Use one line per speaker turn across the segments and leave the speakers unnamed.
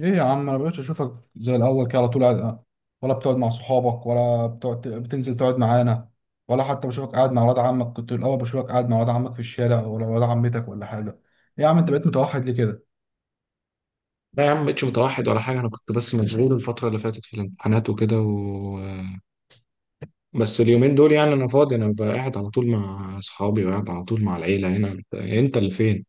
ايه يا عم، انا مبقتش اشوفك زي الاول كده، على طول ولا بتقعد مع صحابك، ولا بتقعد بتنزل تقعد معانا، ولا حتى بشوفك قاعد مع ولاد عمك. كنت الاول بشوفك قاعد مع ولاد عمك في الشارع، ولا ولاد عمتك، ولا حاجه. ايه يا عم، انت بقيت متوحد ليه كده؟
لا يا عم، مبقتش متوحد ولا حاجة. أنا كنت بس مشغول الفترة اللي فاتت في الامتحانات وكده بس اليومين دول يعني أنا فاضي. أنا ببقى قاعد على طول مع أصحابي وقاعد على طول مع العيلة هنا. أنت اللي فين؟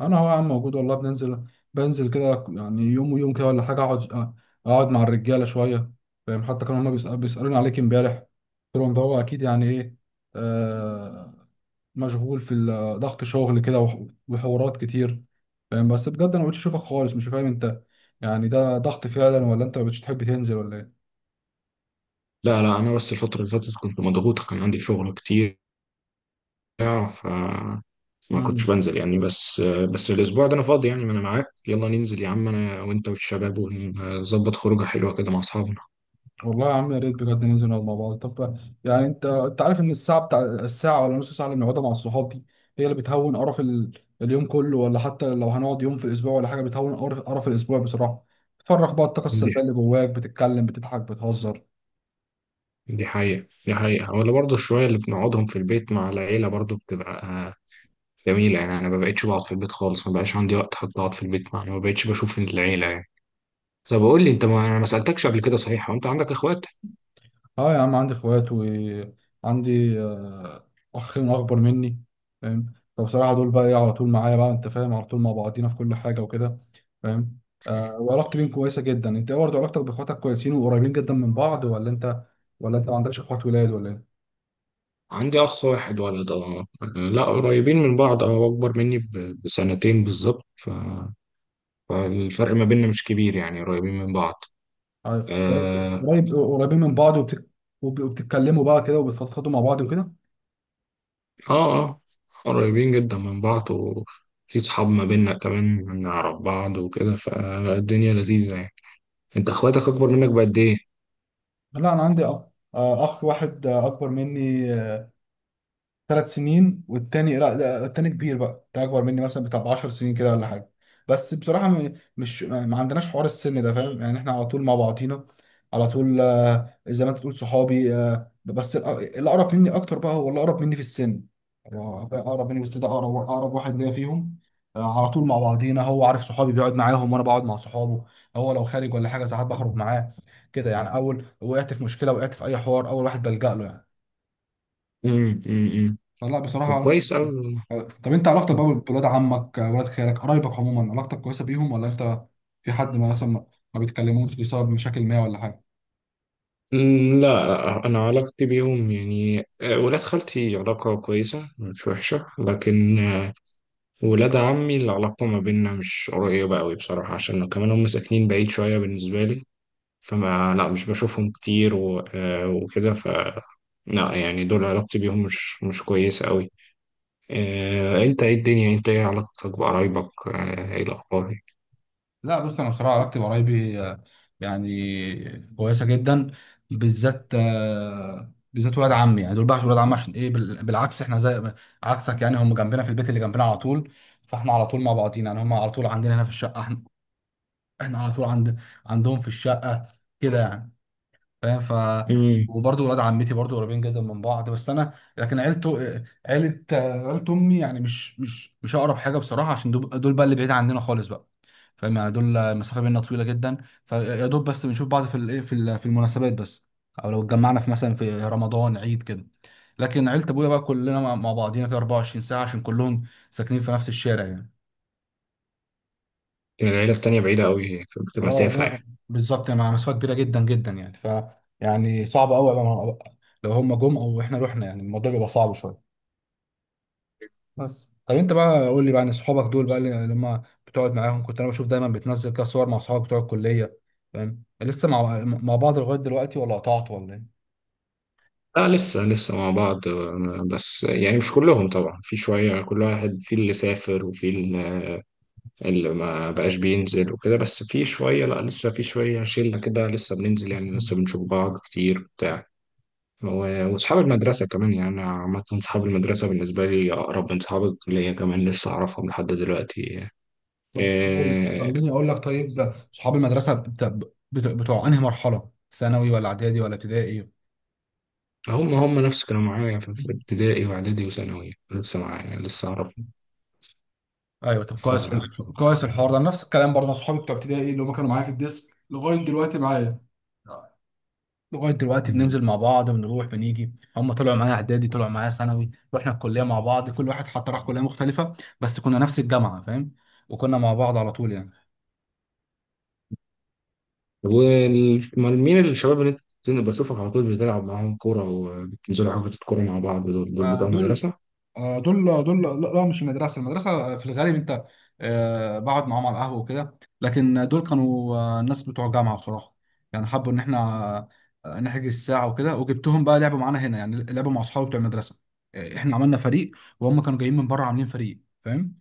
انا هو يا عم موجود والله، بنزل كده يعني، يوم ويوم كده ولا حاجه، اقعد مع الرجاله شويه. فاهم؟ حتى كانوا هما بيسالوني عليك امبارح، قلت لهم ده هو اكيد يعني ايه، آه، مشغول في ال- آه، ضغط شغل كده، وحوارات كتير. فاهم؟ بس بجد انا مبقتش اشوفك خالص، مش فاهم انت يعني ده ضغط فعلا ولا انت مبقتش تحب تنزل ولا ايه؟
لا لا، أنا بس الفترة اللي فاتت كنت مضغوط، كان عندي شغل كتير ف ما كنتش
مم.
بنزل يعني. بس الأسبوع ده أنا فاضي يعني. ما أنا معاك، يلا ننزل يا عم أنا وأنت والشباب، ونظبط خروجة حلوة كده مع أصحابنا.
والله يا عم، يا ريت بجد ننزل نقعد مع بعض. طب يعني، انت عارف ان الساعه ولا نص ساعه اللي بنقعدها مع الصحاب دي، هي اللي بتهون قرف اليوم كله. ولا حتى لو هنقعد يوم في الاسبوع ولا حاجه، بتهون قرف الاسبوع بصراحه. بتفرغ بقى الطاقه
دي
السلبيه اللي جواك، بتتكلم، بتضحك، بتهزر.
دي حقيقة، دي حقيقة. ولا برضه الشوية اللي بنقعدهم في البيت مع العيلة برضه بتبقى جميلة يعني. أنا ما بقتش بقعد في البيت خالص، ما بقاش عندي وقت حتى أقعد في البيت يعني، ما بقتش بشوف العيلة يعني. طب قول لي أنت، ما أنا ما سألتكش قبل كده، صحيح وأنت عندك إخوات؟
اه يا عم، عندي اخوات، وعندي اخين اكبر مني. فاهم؟ فبصراحه دول بقى، ايه، على طول معايا بقى. انت فاهم؟ على طول مع بعضينا في كل حاجه وكده. فاهم؟ وعلاقتي بيهم كويسه جدا. انت إيه برضه علاقتك باخواتك؟ كويسين وقريبين جدا من بعض؟ ولا انت ما عندكش اخوات ولاد، ولا ايه؟
عندي أخ واحد ولد، أه. لا، قريبين من بعض، أه، أكبر مني بسنتين بالظبط فالفرق ما بيننا مش كبير يعني، قريبين من بعض.
آه،
أه،
قريبين من بعض، وبتتكلموا بقى كده وبتفضفضوا مع بعض وكده.
أه آه، قريبين جدا من بعض، وفي صحاب ما بيننا كمان نعرف بعض وكده، فالدنيا لذيذة يعني. أنت إخواتك أكبر منك بقد إيه؟
لا، انا عندي اخ واحد، اكبر مني ثلاث سنين، والتاني لا، التاني كبير بقى. ده اكبر مني مثلا بتاع 10 سنين كده ولا حاجه. بس بصراحه مش، ما عندناش حوار السن ده، فاهم؟ يعني احنا على طول مع بعضينا. على طول، زي ما انت بتقول، صحابي. بس الاقرب مني اكتر بقى، هو الاقرب مني في السن. هو بقى اقرب مني في السن، ده اقرب واحد ليا فيهم. على طول مع بعضينا. هو عارف صحابي بيقعد معاهم، وانا بقعد مع صحابه. هو لو خارج ولا حاجه، ساعات بخرج معاه. كده يعني. اول وقعت في مشكله، وقعت في اي حوار، اول واحد بلجأ له يعني.
أمم، أمم، أمم.
فلا
طب
بصراحه.
كويس أوي.
طب انت علاقتك
لا
بقى بولاد عمك، ولاد خالك، قرايبك عموما، علاقتك كويسه بيهم ولا انت في حد ما مثلا، ما بيتكلموش بسبب مشاكل ما ولا حاجه؟
لا، أنا علاقتي بيهم يعني ولاد خالتي علاقة كويسة مش وحشة، لكن ولاد عمي العلاقة ما بيننا مش قريبة أوي بصراحة، عشان كمان هم ساكنين بعيد شوية بالنسبة لي. فما لا، مش بشوفهم كتير وكده. لا يعني دول علاقتي بيهم مش كويسة أوي. أنت إيه علاقتك بقرايبك، إيه الأخبار؟
لا، بص، انا بصراحه علاقتي بقرايبي يعني كويسه جدا. بالذات ولاد عمي، يعني دول بقى ولاد عمي. عشان ايه؟ بالعكس، احنا زي عكسك يعني. هم جنبنا في البيت اللي جنبنا على طول، فاحنا على طول مع بعضينا يعني. هم على طول عندنا هنا في الشقه، احنا على طول عندهم في الشقه كده يعني، فاهم؟
مم.
وبرضه ولاد عمتي برضه قريبين جدا من بعض. بس انا لكن عيله امي يعني، مش اقرب حاجه بصراحه. عشان دول بقى اللي بعيد عننا خالص بقى، فاهم؟ يعني دول المسافه بيننا طويله جدا، فيا دوب بس بنشوف بعض في الايه في ال- في المناسبات بس. او لو اتجمعنا في مثلا في رمضان، عيد كده. لكن عيله ابويا بقى، كلنا مع بعضينا كده 24 ساعه، عشان كلهم ساكنين في نفس الشارع يعني.
العيلة التانية بعيدة أوي، في
اه
مسافة
لا،
يعني.
بالظبط يعني. مع مسافه كبيره جدا جدا يعني، يعني صعب قوي بقى. لو هم جم او احنا رحنا، يعني الموضوع بيبقى صعب شويه. بس طب، انت بقى قول لي بقى عن اصحابك دول بقى، اللي لما بتقعد معاهم كنت انا بشوف دايما بتنزل كده صور مع اصحابك بتوع الكليه. فاهم؟ لسه مع بعض لغايه دلوقتي، ولا قطعت ولا ايه؟
لا، لسه مع بعض. بس يعني مش كلهم طبعا، في شوية كل واحد، في اللي سافر وفي اللي ما بقاش بينزل وكده، بس في شوية. لا، لسه في شوية شلة كده لسه بننزل يعني،
مم.
لسه بنشوف بعض كتير بتاع. وأصحاب المدرسة كمان يعني. أنا عامة أصحاب المدرسة بالنسبة لي أقرب من أصحاب الكلية، كمان لسه أعرفهم لحد دلوقتي.
طب
إيه،
خليني اقول لك طيب. اصحاب المدرسه بتوع انهي مرحله؟ ثانوي، ولا اعدادي، ولا ابتدائي؟
هم نفس كانوا معايا في ابتدائي وإعدادي وثانوي، لسه معايا لسه أعرفهم.
مم. ايوه طب،
ف
كويس، حلو. كويس الحوار ده. نفس الكلام برضه، أنا صحابي بتوع ابتدائي اللي هم كانوا معايا في الديسك لغايه دلوقتي، معايا لغايه دلوقتي بننزل مع بعض، بنروح بنيجي. هم طلعوا معايا اعدادي، طلعوا معايا ثانوي، رحنا الكليه مع بعض. كل واحد حتى راح كليه مختلفه بس كنا نفس الجامعه، فاهم؟ وكنا مع بعض على طول يعني.
ومين الشباب اللي انت بشوفك على طول بتلعب معاهم كورة، وبتنزلوا حجز الكورة مع بعض؟ دول بتوع
دول،
المدرسة؟
دول، لا لا، مش المدرسه. المدرسه في الغالب انت بقعد معاهم على القهوه وكده، لكن دول كانوا الناس بتوع جامعه بصراحه. يعني حبوا ان احنا نحجز ساعه وكده، وجبتهم بقى لعبوا معانا هنا، يعني لعبوا مع اصحابي بتوع المدرسه. احنا عملنا فريق وهم كانوا جايين من بره عاملين فريق، فاهم؟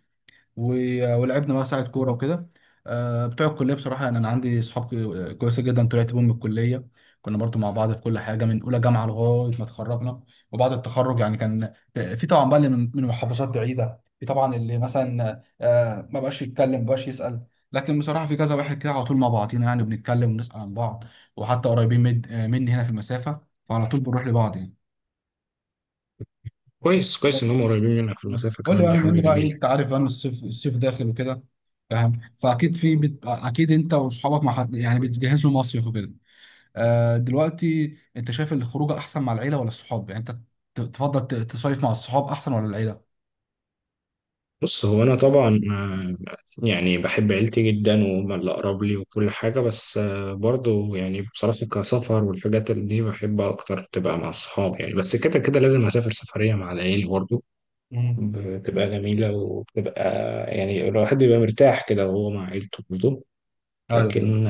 ولعبنا بقى ساعة كورة وكده. بتوع الكلية بصراحة، يعني أنا عندي صحاب كويسة جدا طلعت بيهم من الكلية. كنا برضو مع بعض في كل حاجة من أولى جامعة لغاية ما اتخرجنا. وبعد التخرج، يعني كان في طبعا بقى اللي من محافظات بعيدة. في طبعا اللي مثلا ما بقاش يتكلم، ما بقاش يسأل. لكن بصراحة في كذا واحد كده على طول مع بعضينا، يعني بنتكلم ونسأل عن بعض. وحتى قريبين مني هنا في المسافة، فعلى طول بنروح لبعض يعني.
كويس كويس ان هم قريبين منك في
مم.
المسافة
قول لي
كمان، دي
بقى، بما
حاجة
ان بقى
جميلة.
انت عارف بقى ان الصيف داخل وكده، فاهم؟ فاكيد في اكيد انت واصحابك مع حد، يعني بتجهزوا مصيف وكده. دلوقتي انت شايف الخروجه احسن مع العيله ولا الصحاب؟ يعني انت تفضل تصيف مع الصحاب احسن، ولا العيله؟
بص، هو انا طبعا يعني بحب عيلتي جدا وهم اللي اقرب لي وكل حاجة، بس برضو يعني بصراحة كسفر والحاجات اللي دي بحب اكتر تبقى مع الصحاب يعني، بس كده كده لازم اسافر سفرية مع العيلة برضو،
مم.
بتبقى جميلة وبتبقى يعني الواحد بيبقى مرتاح كده وهو مع عيلته برضو.
ايوه،
لكن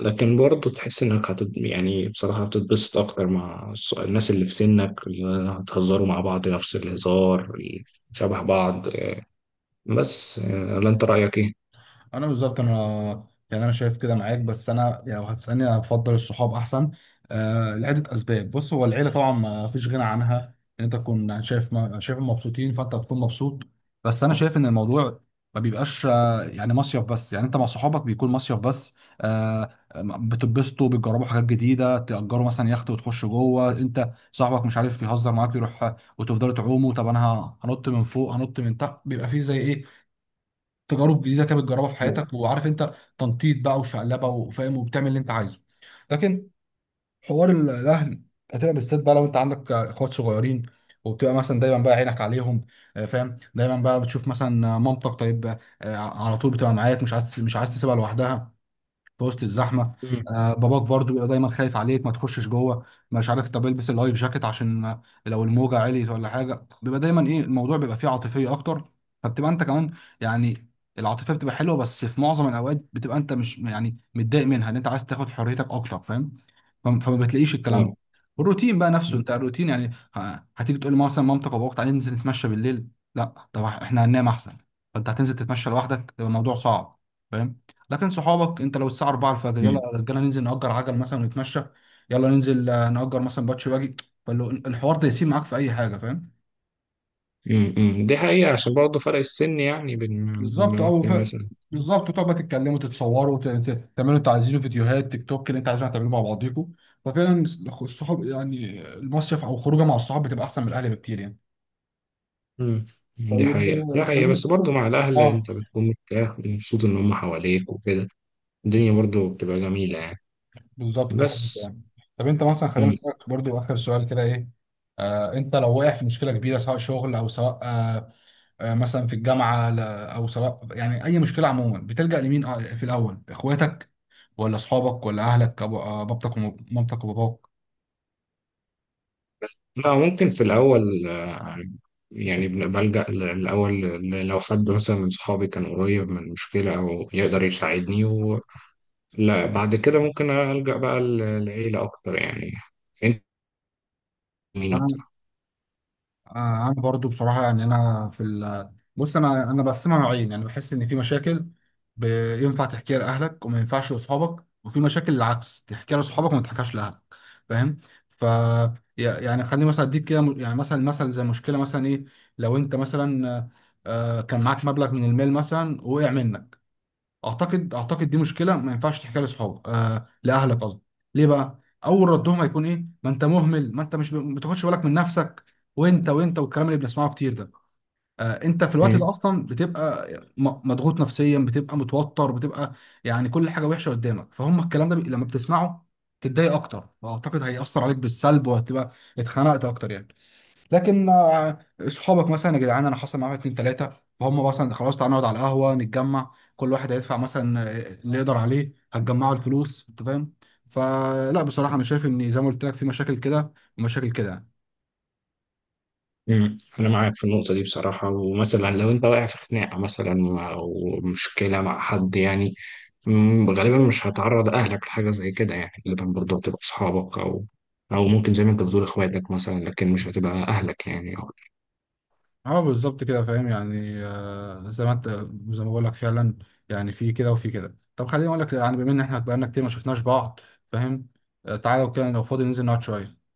لكن برضه تحس انك يعني بصراحة بتتبسط اكتر مع الناس اللي في سنك، اللي هتهزروا مع بعض نفس الهزار شبه بعض بس. ولا انت رأيك ايه؟
انا يعني انا شايف كده معاك. بس انا يعني، لو هتسالني، انا بفضل الصحاب احسن لعده اسباب. بص هو العيله طبعا ما فيش غنى عنها، ان انت تكون شايف، ما شايفهم مبسوطين فانت بتكون مبسوط. بس انا شايف ان الموضوع ما بيبقاش يعني مصيف بس. يعني انت مع صحابك بيكون مصيف بس، آه بتتبسطوا، بتجربوا حاجات جديده، تأجروا مثلا يخت وتخشوا جوه. انت صاحبك مش عارف يهزر معاك، يروح وتفضلوا تعوموا. طب انا هنط من فوق، هنط من تحت، بيبقى فيه زي ايه، تجارب جديده كده بتجربها في حياتك، وعارف انت تنطيط بقى وشقلبه وفاهم، وبتعمل اللي انت عايزه. لكن، حوار الاهل. هتبقى بالذات بقى لو انت عندك اخوات صغيرين، وبتبقى مثلا دايما بقى عينك عليهم. فاهم؟ دايما بقى بتشوف مثلا مامتك، طيب، على طول بتبقى معاك، مش عايز تسيبها لوحدها في وسط الزحمه.
مم.
باباك برضو بيبقى دايما خايف عليك، ما تخشش جوه، مش عارف، طب البس اللايف جاكيت عشان، لو الموجه عليت ولا حاجه، بيبقى دايما، ايه، الموضوع بيبقى فيه عاطفيه اكتر. فبتبقى انت كمان يعني العاطفيه بتبقى حلوه، بس في معظم الاوقات بتبقى انت مش يعني متضايق منها، ان انت عايز تاخد حريتك اكتر، فاهم؟ فما بتلاقيش الكلام
اه.
ده. والروتين بقى نفسه
مم.
انت، الروتين يعني، هتيجي تقول مثلا مامتك وابوك تعالى ننزل نتمشى بالليل، لا طب احنا هننام احسن، فانت هتنزل تتمشى لوحدك، يبقى الموضوع صعب، فاهم؟ لكن صحابك، انت لو الساعه 4 الفجر، يلا
مم.
يا رجاله ننزل نأجر عجل مثلا ونتمشى. يلا ننزل نأجر مثلا باتش باجي. فالحوار ده يسيب معاك في اي حاجه، فاهم؟
مم. دي حقيقة، عشان برضه فرق السن يعني بين.
بالظبط اه
ممكن مثلا.
بالظبط تقعدوا بقى، تتكلموا، تتصوروا، تعملوا انتوا عايزينه، فيديوهات تيك توك اللي انت عايزينه هتعملوه مع بعضيكم. ففعلا، الصحاب يعني، المصيف او خروجه مع الصحاب، بتبقى احسن من الاهل بكتير يعني.
مم. دي
طيب،
حقيقة، دي حقيقة.
خلينا.
بس برضه مع الأهل
اه.
أنت بتكون مرتاح ومبسوط إن هم حواليك وكده، الدنيا برضه بتبقى جميلة يعني.
بالظبط ده حقيقي
بس.
يعني. طب، انت مثلا، خلينا
مم.
نسالك برضو اخر سؤال كده، ايه، انت لو واقع في مشكله كبيره، سواء شغل، او سواء، مثلا في الجامعه، او سواء، يعني اي مشكله عموما، بتلجأ لمين؟ في الاول اخواتك، ولا اصحابك، ولا اهلك، بابتك، ومامتك، وباباك؟
لا، ممكن في الأول يعني بلجأ الأول، لو حد مثلا من صحابي كان قريب من مشكلة أو يقدر يساعدني لا، بعد كده ممكن ألجأ بقى لعيلة أكتر يعني. أنت مين أكتر؟
آه، انا برضو بصراحه، يعني انا في ال بص انا بقسمها نوعين. يعني بحس ان في مشاكل ينفع تحكيها لاهلك وما ينفعش لاصحابك، وفي مشاكل العكس، تحكيها لاصحابك وما تحكيهاش لاهلك. فاهم؟ ف يعني خليني مثلا اديك كده يعني، مثلا زي مشكله مثلا، ايه، لو انت مثلا كان معاك مبلغ من المال مثلا، وقع منك. اعتقد دي مشكله ما ينفعش تحكيها لاصحابك، لاهلك قصدي. ليه بقى؟ اول ردهم هيكون، ايه، ما انت مهمل، ما انت مش ما بتاخدش بالك من نفسك، وانت والكلام اللي بنسمعه كتير ده. انت في الوقت
مم.
ده اصلا بتبقى مضغوط نفسيا، بتبقى متوتر، بتبقى يعني كل حاجه وحشه قدامك. فهم الكلام ده لما بتسمعه تتضايق اكتر، واعتقد هيأثر عليك بالسلب، وهتبقى اتخنقت اكتر يعني. لكن صحابك مثلا، يا جدعان انا حصل معايا اتنين تلاته، فهم مثلا خلاص، تعالى نقعد على القهوه، نتجمع كل واحد هيدفع مثلا اللي يقدر عليه، هتجمعوا الفلوس. انت فاهم؟ فلا بصراحه، انا شايف ان زي ما قلت لك، في مشاكل كده ومشاكل كده يعني.
مم. أنا معاك في النقطة دي بصراحة. ومثلا لو أنت واقع في خناقة مثلا أو مشكلة مع حد يعني، غالبا مش هتعرض أهلك لحاجة زي كده يعني، غالبا برضه هتبقى أصحابك، أو ممكن زي ما أنت بتقول إخواتك مثلا، لكن مش هتبقى أهلك يعني.
اه بالظبط كده، فاهم؟ يعني زي ما بقول لك فعلا، يعني في كده وفي كده. طب خليني اقول لك، يعني بما ان احنا بقالنا كتير ما شفناش بعض، فاهم؟ تعالى لو كده، لو فاضي ننزل نقعد شويه.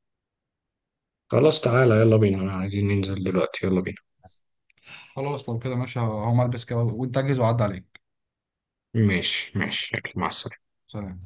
خلاص تعالى، يلا بينا، أنا عايزين ننزل دلوقتي، يلا بينا.
خلاص، لو كده ماشي، هقوم البس كده وانت اجهز وعدي عليك.
ماشي ماشي، يلا، مع السلامة.
سلام.